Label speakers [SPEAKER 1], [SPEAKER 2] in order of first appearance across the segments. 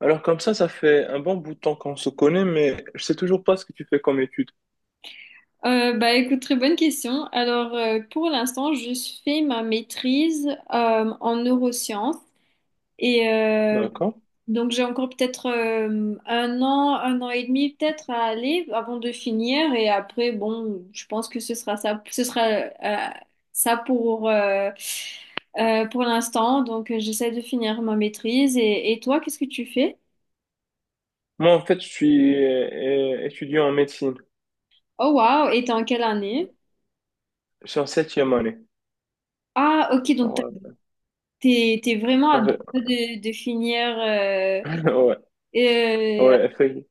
[SPEAKER 1] Alors comme ça fait un bon bout de temps qu'on se connaît, mais je sais toujours pas ce que tu fais comme étude.
[SPEAKER 2] Bah écoute, très bonne question. Alors pour l'instant, je fais ma maîtrise en neurosciences et
[SPEAKER 1] D'accord?
[SPEAKER 2] donc j'ai encore peut-être 1 an, 1 an et demi peut-être à aller avant de finir et après bon, je pense que ce sera ça pour l'instant. Donc j'essaie de finir ma maîtrise et toi, qu'est-ce que tu fais?
[SPEAKER 1] Moi, en fait, je suis étudiant en médecine.
[SPEAKER 2] Oh waouh, et t'es en quelle année?
[SPEAKER 1] Je suis en septième année.
[SPEAKER 2] Ah, ok, donc
[SPEAKER 1] Alors,
[SPEAKER 2] t'es, t'es vraiment à deux doigts de finir
[SPEAKER 1] Ouais,
[SPEAKER 2] euh,
[SPEAKER 1] ouais, effectivement.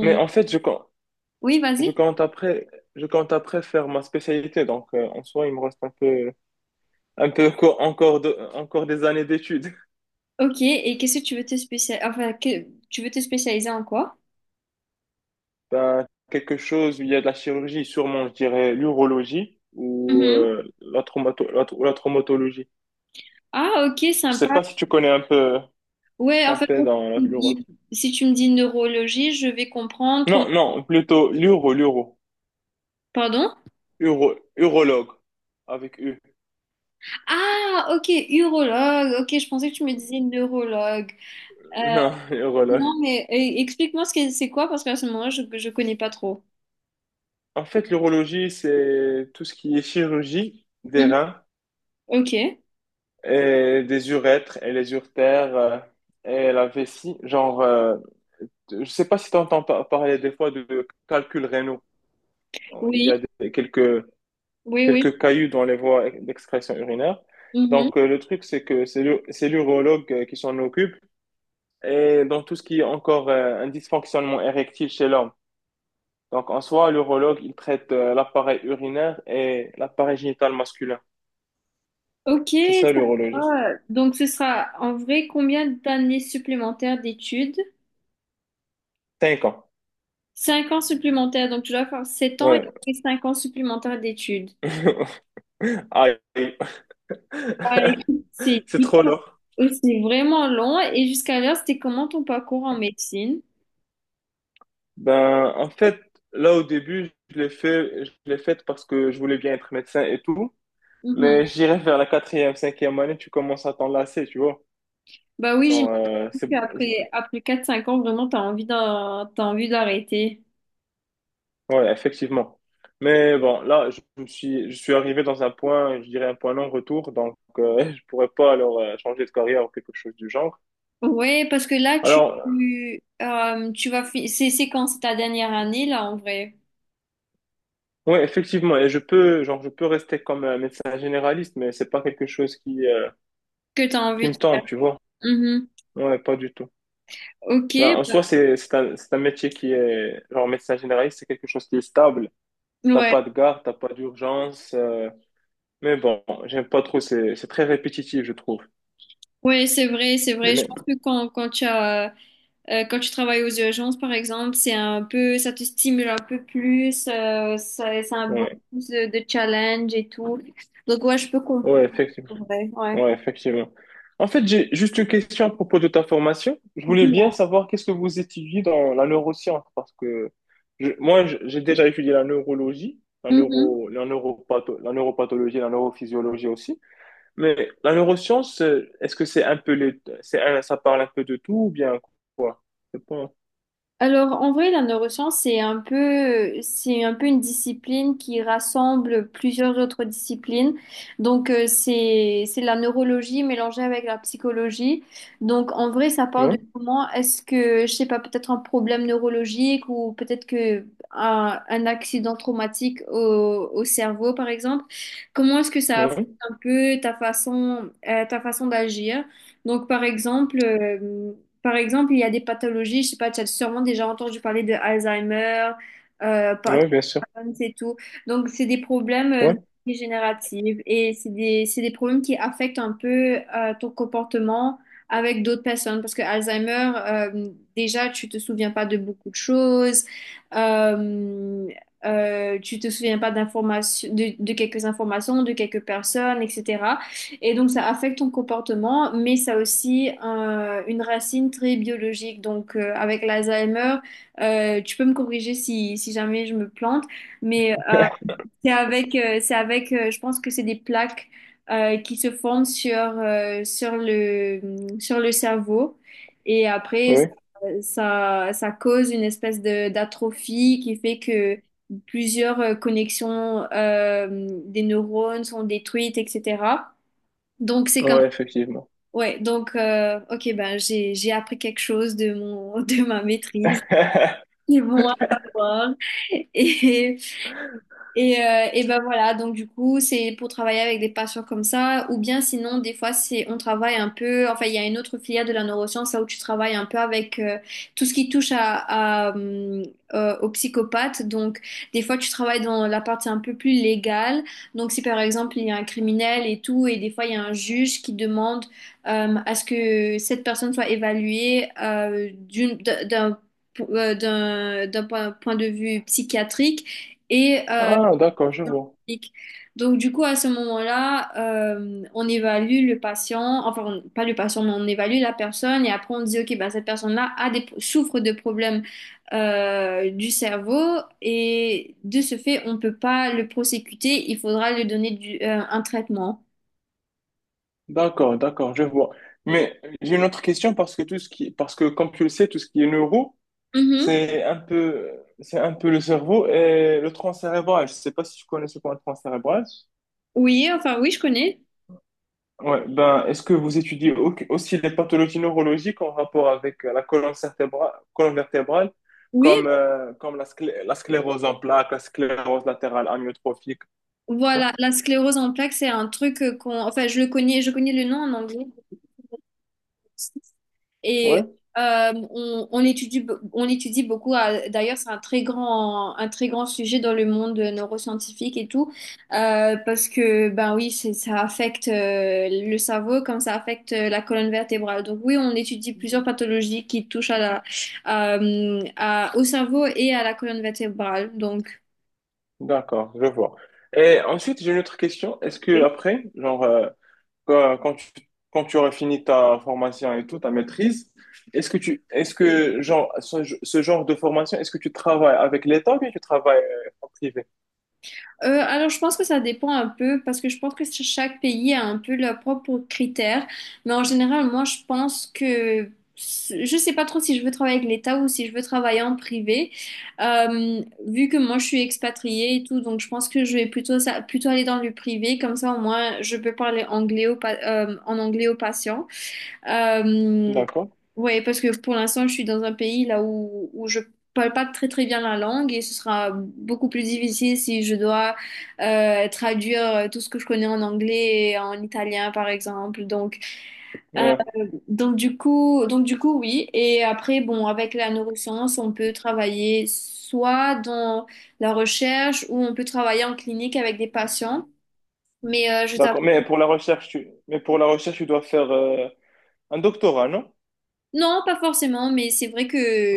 [SPEAKER 1] Mais en fait,
[SPEAKER 2] Oui,
[SPEAKER 1] je
[SPEAKER 2] vas-y.
[SPEAKER 1] compte après, je compte après faire ma spécialité. Donc, en soi, il me reste un peu encore des années d'études.
[SPEAKER 2] Ok, et qu'est-ce que tu veux te spécialiser... Enfin, tu veux te spécialiser en quoi?
[SPEAKER 1] Ben, quelque chose où il y a de la chirurgie, sûrement, je dirais l'urologie ou
[SPEAKER 2] Mhm.
[SPEAKER 1] la la traumatologie.
[SPEAKER 2] Ah, ok,
[SPEAKER 1] Je sais
[SPEAKER 2] sympa.
[SPEAKER 1] pas si tu connais un peu.
[SPEAKER 2] Ouais, en
[SPEAKER 1] Qu'on
[SPEAKER 2] fait,
[SPEAKER 1] fait
[SPEAKER 2] bon,
[SPEAKER 1] dans
[SPEAKER 2] si tu me
[SPEAKER 1] l'euro.
[SPEAKER 2] dis si tu me dis neurologie, je vais comprendre. Trauma-
[SPEAKER 1] Non, non, plutôt l'euro, l'euro.
[SPEAKER 2] Pardon?
[SPEAKER 1] Euro, urologue. Avec U.
[SPEAKER 2] Ah, ok, urologue. Ok, je pensais que tu me disais neurologue. Euh,
[SPEAKER 1] Non,
[SPEAKER 2] non,
[SPEAKER 1] urologue.
[SPEAKER 2] mais explique-moi ce que c'est quoi, parce qu'à ce moment-là, je ne connais pas trop.
[SPEAKER 1] En fait, l'urologie, c'est tout ce qui est chirurgie des
[SPEAKER 2] Mhm.
[SPEAKER 1] reins
[SPEAKER 2] Ok,
[SPEAKER 1] et des urètres et les urtères et la vessie. Genre, je sais pas si tu entends parler des fois de calculs rénaux. Il y
[SPEAKER 2] oui,
[SPEAKER 1] a des- Quelques,
[SPEAKER 2] oui, oui.
[SPEAKER 1] quelques cailloux dans les voies d'excrétion urinaire.
[SPEAKER 2] Mm-hmm.
[SPEAKER 1] Donc, le truc, c'est que c'est c'est l'urologue qui s'en occupe et dans tout ce qui est encore un dysfonctionnement érectile chez l'homme. Donc, en soi, l'urologue, il traite l'appareil urinaire et l'appareil génital masculin.
[SPEAKER 2] Ok,
[SPEAKER 1] C'est ça,
[SPEAKER 2] ça
[SPEAKER 1] l'urologie.
[SPEAKER 2] va. Donc, ce sera en vrai combien d'années supplémentaires d'études?
[SPEAKER 1] Cinq ans.
[SPEAKER 2] 5 ans supplémentaires, donc tu dois faire 7 ans et
[SPEAKER 1] Ouais.
[SPEAKER 2] après 5 ans supplémentaires d'études.
[SPEAKER 1] Aïe.
[SPEAKER 2] Ouais, écoute, c'est
[SPEAKER 1] C'est trop
[SPEAKER 2] hyper-
[SPEAKER 1] long.
[SPEAKER 2] c'est vraiment long. Et jusqu'à l'heure, c'était comment ton parcours en médecine?
[SPEAKER 1] Ben, en fait, là, au début, je l'ai fait parce que je voulais bien être médecin et tout. Mais
[SPEAKER 2] Mhm.
[SPEAKER 1] j'irai vers la quatrième, cinquième année, tu commences à t'enlacer, tu vois.
[SPEAKER 2] Bah oui,
[SPEAKER 1] Genre,
[SPEAKER 2] j'imagine qu'après après quatre cinq ans, vraiment, t'as envie d'en- t'as envie d'arrêter.
[SPEAKER 1] ouais, effectivement. Mais bon, là, je suis arrivé dans un point, je dirais un point non-retour, donc je pourrais pas alors changer de carrière ou quelque chose du genre.
[SPEAKER 2] Ouais, parce que là, tu,
[SPEAKER 1] Alors,
[SPEAKER 2] tu vas fi- c'est quand c'est ta dernière année, là, en vrai,
[SPEAKER 1] oui, effectivement, et je peux, genre, je peux rester comme un médecin généraliste, mais c'est pas quelque chose
[SPEAKER 2] que t'as
[SPEAKER 1] qui
[SPEAKER 2] envie
[SPEAKER 1] me
[SPEAKER 2] de...
[SPEAKER 1] tente, tu vois.
[SPEAKER 2] Mhm.
[SPEAKER 1] Ouais, pas du tout.
[SPEAKER 2] Ok,
[SPEAKER 1] Ben, en soi, c'est un métier qui est, genre, médecin généraliste, c'est quelque chose qui est stable. T'as
[SPEAKER 2] ouais.
[SPEAKER 1] pas de garde, t'as pas d'urgence, mais bon, j'aime pas trop, c'est très répétitif, je trouve.
[SPEAKER 2] Oui, c'est vrai, c'est
[SPEAKER 1] Les
[SPEAKER 2] vrai. Je
[SPEAKER 1] mêmes.
[SPEAKER 2] pense que quand tu as, quand tu travailles aux urgences, par exemple, c'est un peu, ça te stimule un peu plus, ça a beaucoup
[SPEAKER 1] Ouais,
[SPEAKER 2] plus de challenge et tout. Donc, ouais, je peux comprendre.
[SPEAKER 1] ouais, effectivement.
[SPEAKER 2] C'est vrai. Ouais.
[SPEAKER 1] Ouais, effectivement. En fait, j'ai juste une question à propos de ta formation. Je voulais bien savoir qu'est-ce que vous étudiez dans la neuroscience, parce que j'ai déjà étudié la neurologie,
[SPEAKER 2] Mhm.
[SPEAKER 1] la neuropathologie, la neurophysiologie aussi. Mais la neuroscience, est-ce que c'est un peu ça parle un peu de tout ou bien quoi? Je sais pas.
[SPEAKER 2] Alors, en vrai, la neuroscience, c'est un peu une discipline qui rassemble plusieurs autres disciplines. Donc, c'est la neurologie mélangée avec la psychologie. Donc, en vrai, ça part de
[SPEAKER 1] Ouais,
[SPEAKER 2] comment est-ce que, je sais pas, peut-être un problème neurologique ou peut-être que un accident traumatique au cerveau, par exemple. Comment est-ce que ça affecte
[SPEAKER 1] ouais,
[SPEAKER 2] un peu ta façon d'agir? Donc, par exemple, il y a des pathologies, je sais pas, tu as sûrement déjà entendu parler de Alzheimer, par-
[SPEAKER 1] ouais, bien sûr.
[SPEAKER 2] c'est tout. Donc, c'est des problèmes
[SPEAKER 1] Ouais,
[SPEAKER 2] dégénératifs et c'est des problèmes qui affectent un peu ton comportement avec d'autres personnes. Parce que Alzheimer, déjà, tu te souviens pas de beaucoup de choses, euh, tu te souviens pas d'informations, de quelques informations, de quelques personnes, etc. Et donc, ça affecte ton comportement, mais ça a aussi une racine très biologique. Donc, avec l'Alzheimer, tu peux me corriger si, si jamais je me plante, mais c'est avec je pense que c'est des plaques qui se forment sur, sur le cerveau. Et après, ça,
[SPEAKER 1] ouais,
[SPEAKER 2] ça, ça cause une espèce de, d'atrophie qui fait que plusieurs connexions des neurones sont détruites, etc. Donc, c'est comme...
[SPEAKER 1] ouais, effectivement.
[SPEAKER 2] Ouais, donc, ok, ben, j'ai appris quelque chose de mon, de ma maîtrise. C'est bon à savoir. Et, et ben voilà, donc du coup, c'est pour travailler avec des patients comme ça, ou bien sinon, des fois, c'est on travaille un peu, enfin, il y a une autre filière de la neuroscience, là où tu travailles un peu avec tout ce qui touche aux psychopathes. Donc, des fois, tu travailles dans la partie un peu plus légale. Donc, si par exemple, il y a un criminel et tout, et des fois, il y a un juge qui demande à ce que cette personne soit évaluée d'un point de vue psychiatrique. Et
[SPEAKER 1] Ah, d'accord, je vois.
[SPEAKER 2] diagnostic. Donc, du coup, à ce moment-là, on évalue le patient, enfin, on- pas le patient, mais on évalue la personne et après on dit, OK, bah, cette personne-là a des, souffre de problèmes du cerveau et de ce fait, on ne peut pas le prosécuter, il faudra lui donner du- un traitement.
[SPEAKER 1] D'accord, d'accord, je vois. Mais j'ai une autre question parce que parce que comme tu le sais, tout ce qui est neuro,
[SPEAKER 2] Mhm.
[SPEAKER 1] c'est un peu, c'est un peu le cerveau et le tronc cérébral. Je sais pas si tu connais ce qu'est le tronc cérébral.
[SPEAKER 2] Oui, enfin, oui, je connais.
[SPEAKER 1] Ouais, ben, est-ce que vous étudiez aussi les pathologies neurologiques en rapport avec la colonne vertébrale,
[SPEAKER 2] Oui,
[SPEAKER 1] comme, comme la sclérose en plaques, la sclérose latérale amyotrophique? Non.
[SPEAKER 2] voilà, la sclérose en plaques, c'est un truc qu'on, enfin, je le connais, je connais le nom en anglais. Et
[SPEAKER 1] Ouais,
[SPEAKER 2] on étudie, on étudie beaucoup, à- d'ailleurs c'est un très grand sujet dans le monde neuroscientifique et tout, parce que ben oui, c'est- ça affecte le cerveau comme ça affecte la colonne vertébrale. Donc oui, on étudie plusieurs pathologies qui touchent à la, à- au cerveau et à la colonne vertébrale. Donc.
[SPEAKER 1] d'accord, je vois. Et ensuite, j'ai une autre question. Est-ce que après, genre, Quand, quand tu, Quand tu auras fini ta formation et tout, ta maîtrise, est-ce que tu, est-ce que genre, ce genre de formation, est-ce que tu travailles avec l'État ou bien tu travailles en privé?
[SPEAKER 2] Alors, je pense que ça dépend un peu parce que je pense que chaque pays a un peu leurs propres critères. Mais en général, moi, je pense que je sais pas trop si je veux travailler avec l'État ou si je veux travailler en privé. Euh, Vu que moi, je suis expatriée et tout, donc je pense que je vais plutôt aller dans le privé. Comme ça, au moins, je peux parler anglais en anglais aux patients. Euh,
[SPEAKER 1] D'accord.
[SPEAKER 2] ouais, parce que pour l'instant, je suis dans un pays là où je parle pas très très bien la langue et ce sera beaucoup plus difficile si je dois traduire tout ce que je connais en anglais et en italien, par exemple. Euh,
[SPEAKER 1] Ouais,
[SPEAKER 2] donc du coup, oui. Et après, bon, avec la neuroscience, on peut travailler soit dans la recherche ou on peut travailler en clinique avec des patients. Mais je t'avoue.
[SPEAKER 1] d'accord. Mais pour la recherche, tu dois faire un doctorat, non?
[SPEAKER 2] Non, pas forcément, mais c'est vrai que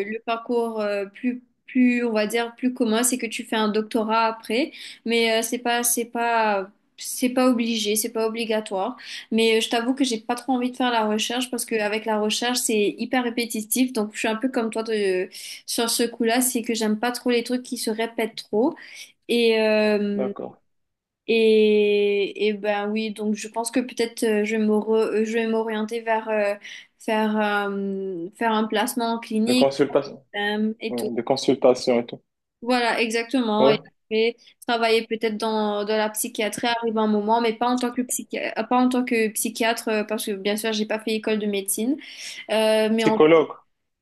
[SPEAKER 2] le parcours plus on va dire plus commun, c'est que tu fais un doctorat après, mais c'est pas obligé, c'est pas obligatoire. Mais je t'avoue que j'ai pas trop envie de faire la recherche parce qu'avec la recherche, c'est hyper répétitif. Donc je suis un peu comme toi sur ce coup-là, c'est que j'aime pas trop les trucs qui se répètent trop. Et euh,
[SPEAKER 1] D'accord.
[SPEAKER 2] et ben oui, donc je pense que peut-être je vais m'orienter vers faire un placement en
[SPEAKER 1] De
[SPEAKER 2] clinique
[SPEAKER 1] consultation,
[SPEAKER 2] et tout.
[SPEAKER 1] ouais, de consultation et tout.
[SPEAKER 2] Voilà, exactement. Et
[SPEAKER 1] Ouais.
[SPEAKER 2] après, travailler peut-être dans la psychiatrie arrive un moment, mais pas en tant que psychiatre, pas en tant que psychiatre, parce que bien sûr, j'ai pas fait école de médecine, mais en,
[SPEAKER 1] Psychologue,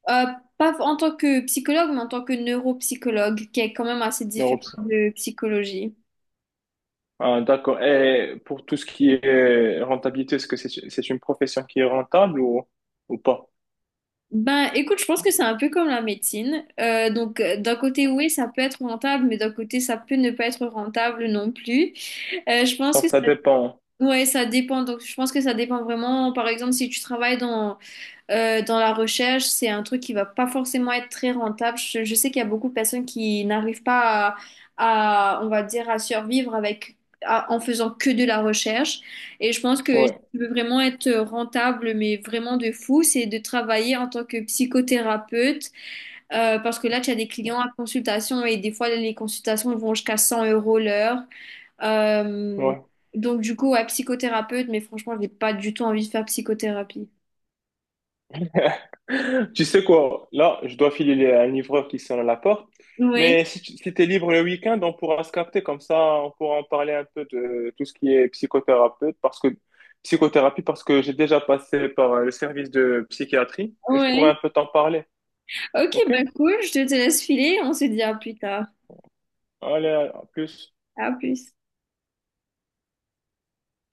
[SPEAKER 2] euh, pas en tant que psychologue, mais en tant que neuropsychologue, qui est quand même assez différent
[SPEAKER 1] neuropsy.
[SPEAKER 2] de psychologie.
[SPEAKER 1] Ah, d'accord. Et pour tout ce qui est rentabilité, est-ce que c'est une profession qui est rentable ou pas?
[SPEAKER 2] Ben, écoute, je pense que c'est un peu comme la médecine. Donc, d'un côté, oui, ça peut être rentable, mais d'un côté, ça peut ne pas être rentable non plus. Je pense que
[SPEAKER 1] Donc
[SPEAKER 2] ça,
[SPEAKER 1] ça dépend.
[SPEAKER 2] ouais, ça dépend. Donc, je pense que ça dépend vraiment. Par exemple, si tu travailles dans la recherche, c'est un truc qui va pas forcément être très rentable. Je sais qu'il y a beaucoup de personnes qui n'arrivent pas à, on va dire, à survivre avec, en faisant que de la recherche. Et je pense que si
[SPEAKER 1] Ouais,
[SPEAKER 2] tu veux vraiment être rentable, mais vraiment de fou, c'est de travailler en tant que psychothérapeute, parce que là, tu as des clients à consultation et des fois, les consultations vont jusqu'à 100 € l'heure. Euh,
[SPEAKER 1] ouais.
[SPEAKER 2] donc, du coup, ouais, psychothérapeute, mais franchement, je n'ai pas du tout envie de faire psychothérapie.
[SPEAKER 1] Tu sais quoi, là, je dois filer à un livreur qui sonne à la porte.
[SPEAKER 2] Oui,
[SPEAKER 1] Mais si t'es libre le week-end, on pourra se capter comme ça, on pourra en parler un peu de tout ce qui est psychothérapeute, parce que psychothérapie, parce que j'ai déjà passé par le service de psychiatrie et je pourrais
[SPEAKER 2] oui.
[SPEAKER 1] un peu t'en parler.
[SPEAKER 2] Ok,
[SPEAKER 1] Ok?
[SPEAKER 2] bah cool, je te laisse filer, on se dit à plus tard.
[SPEAKER 1] Allez, à plus.
[SPEAKER 2] À plus.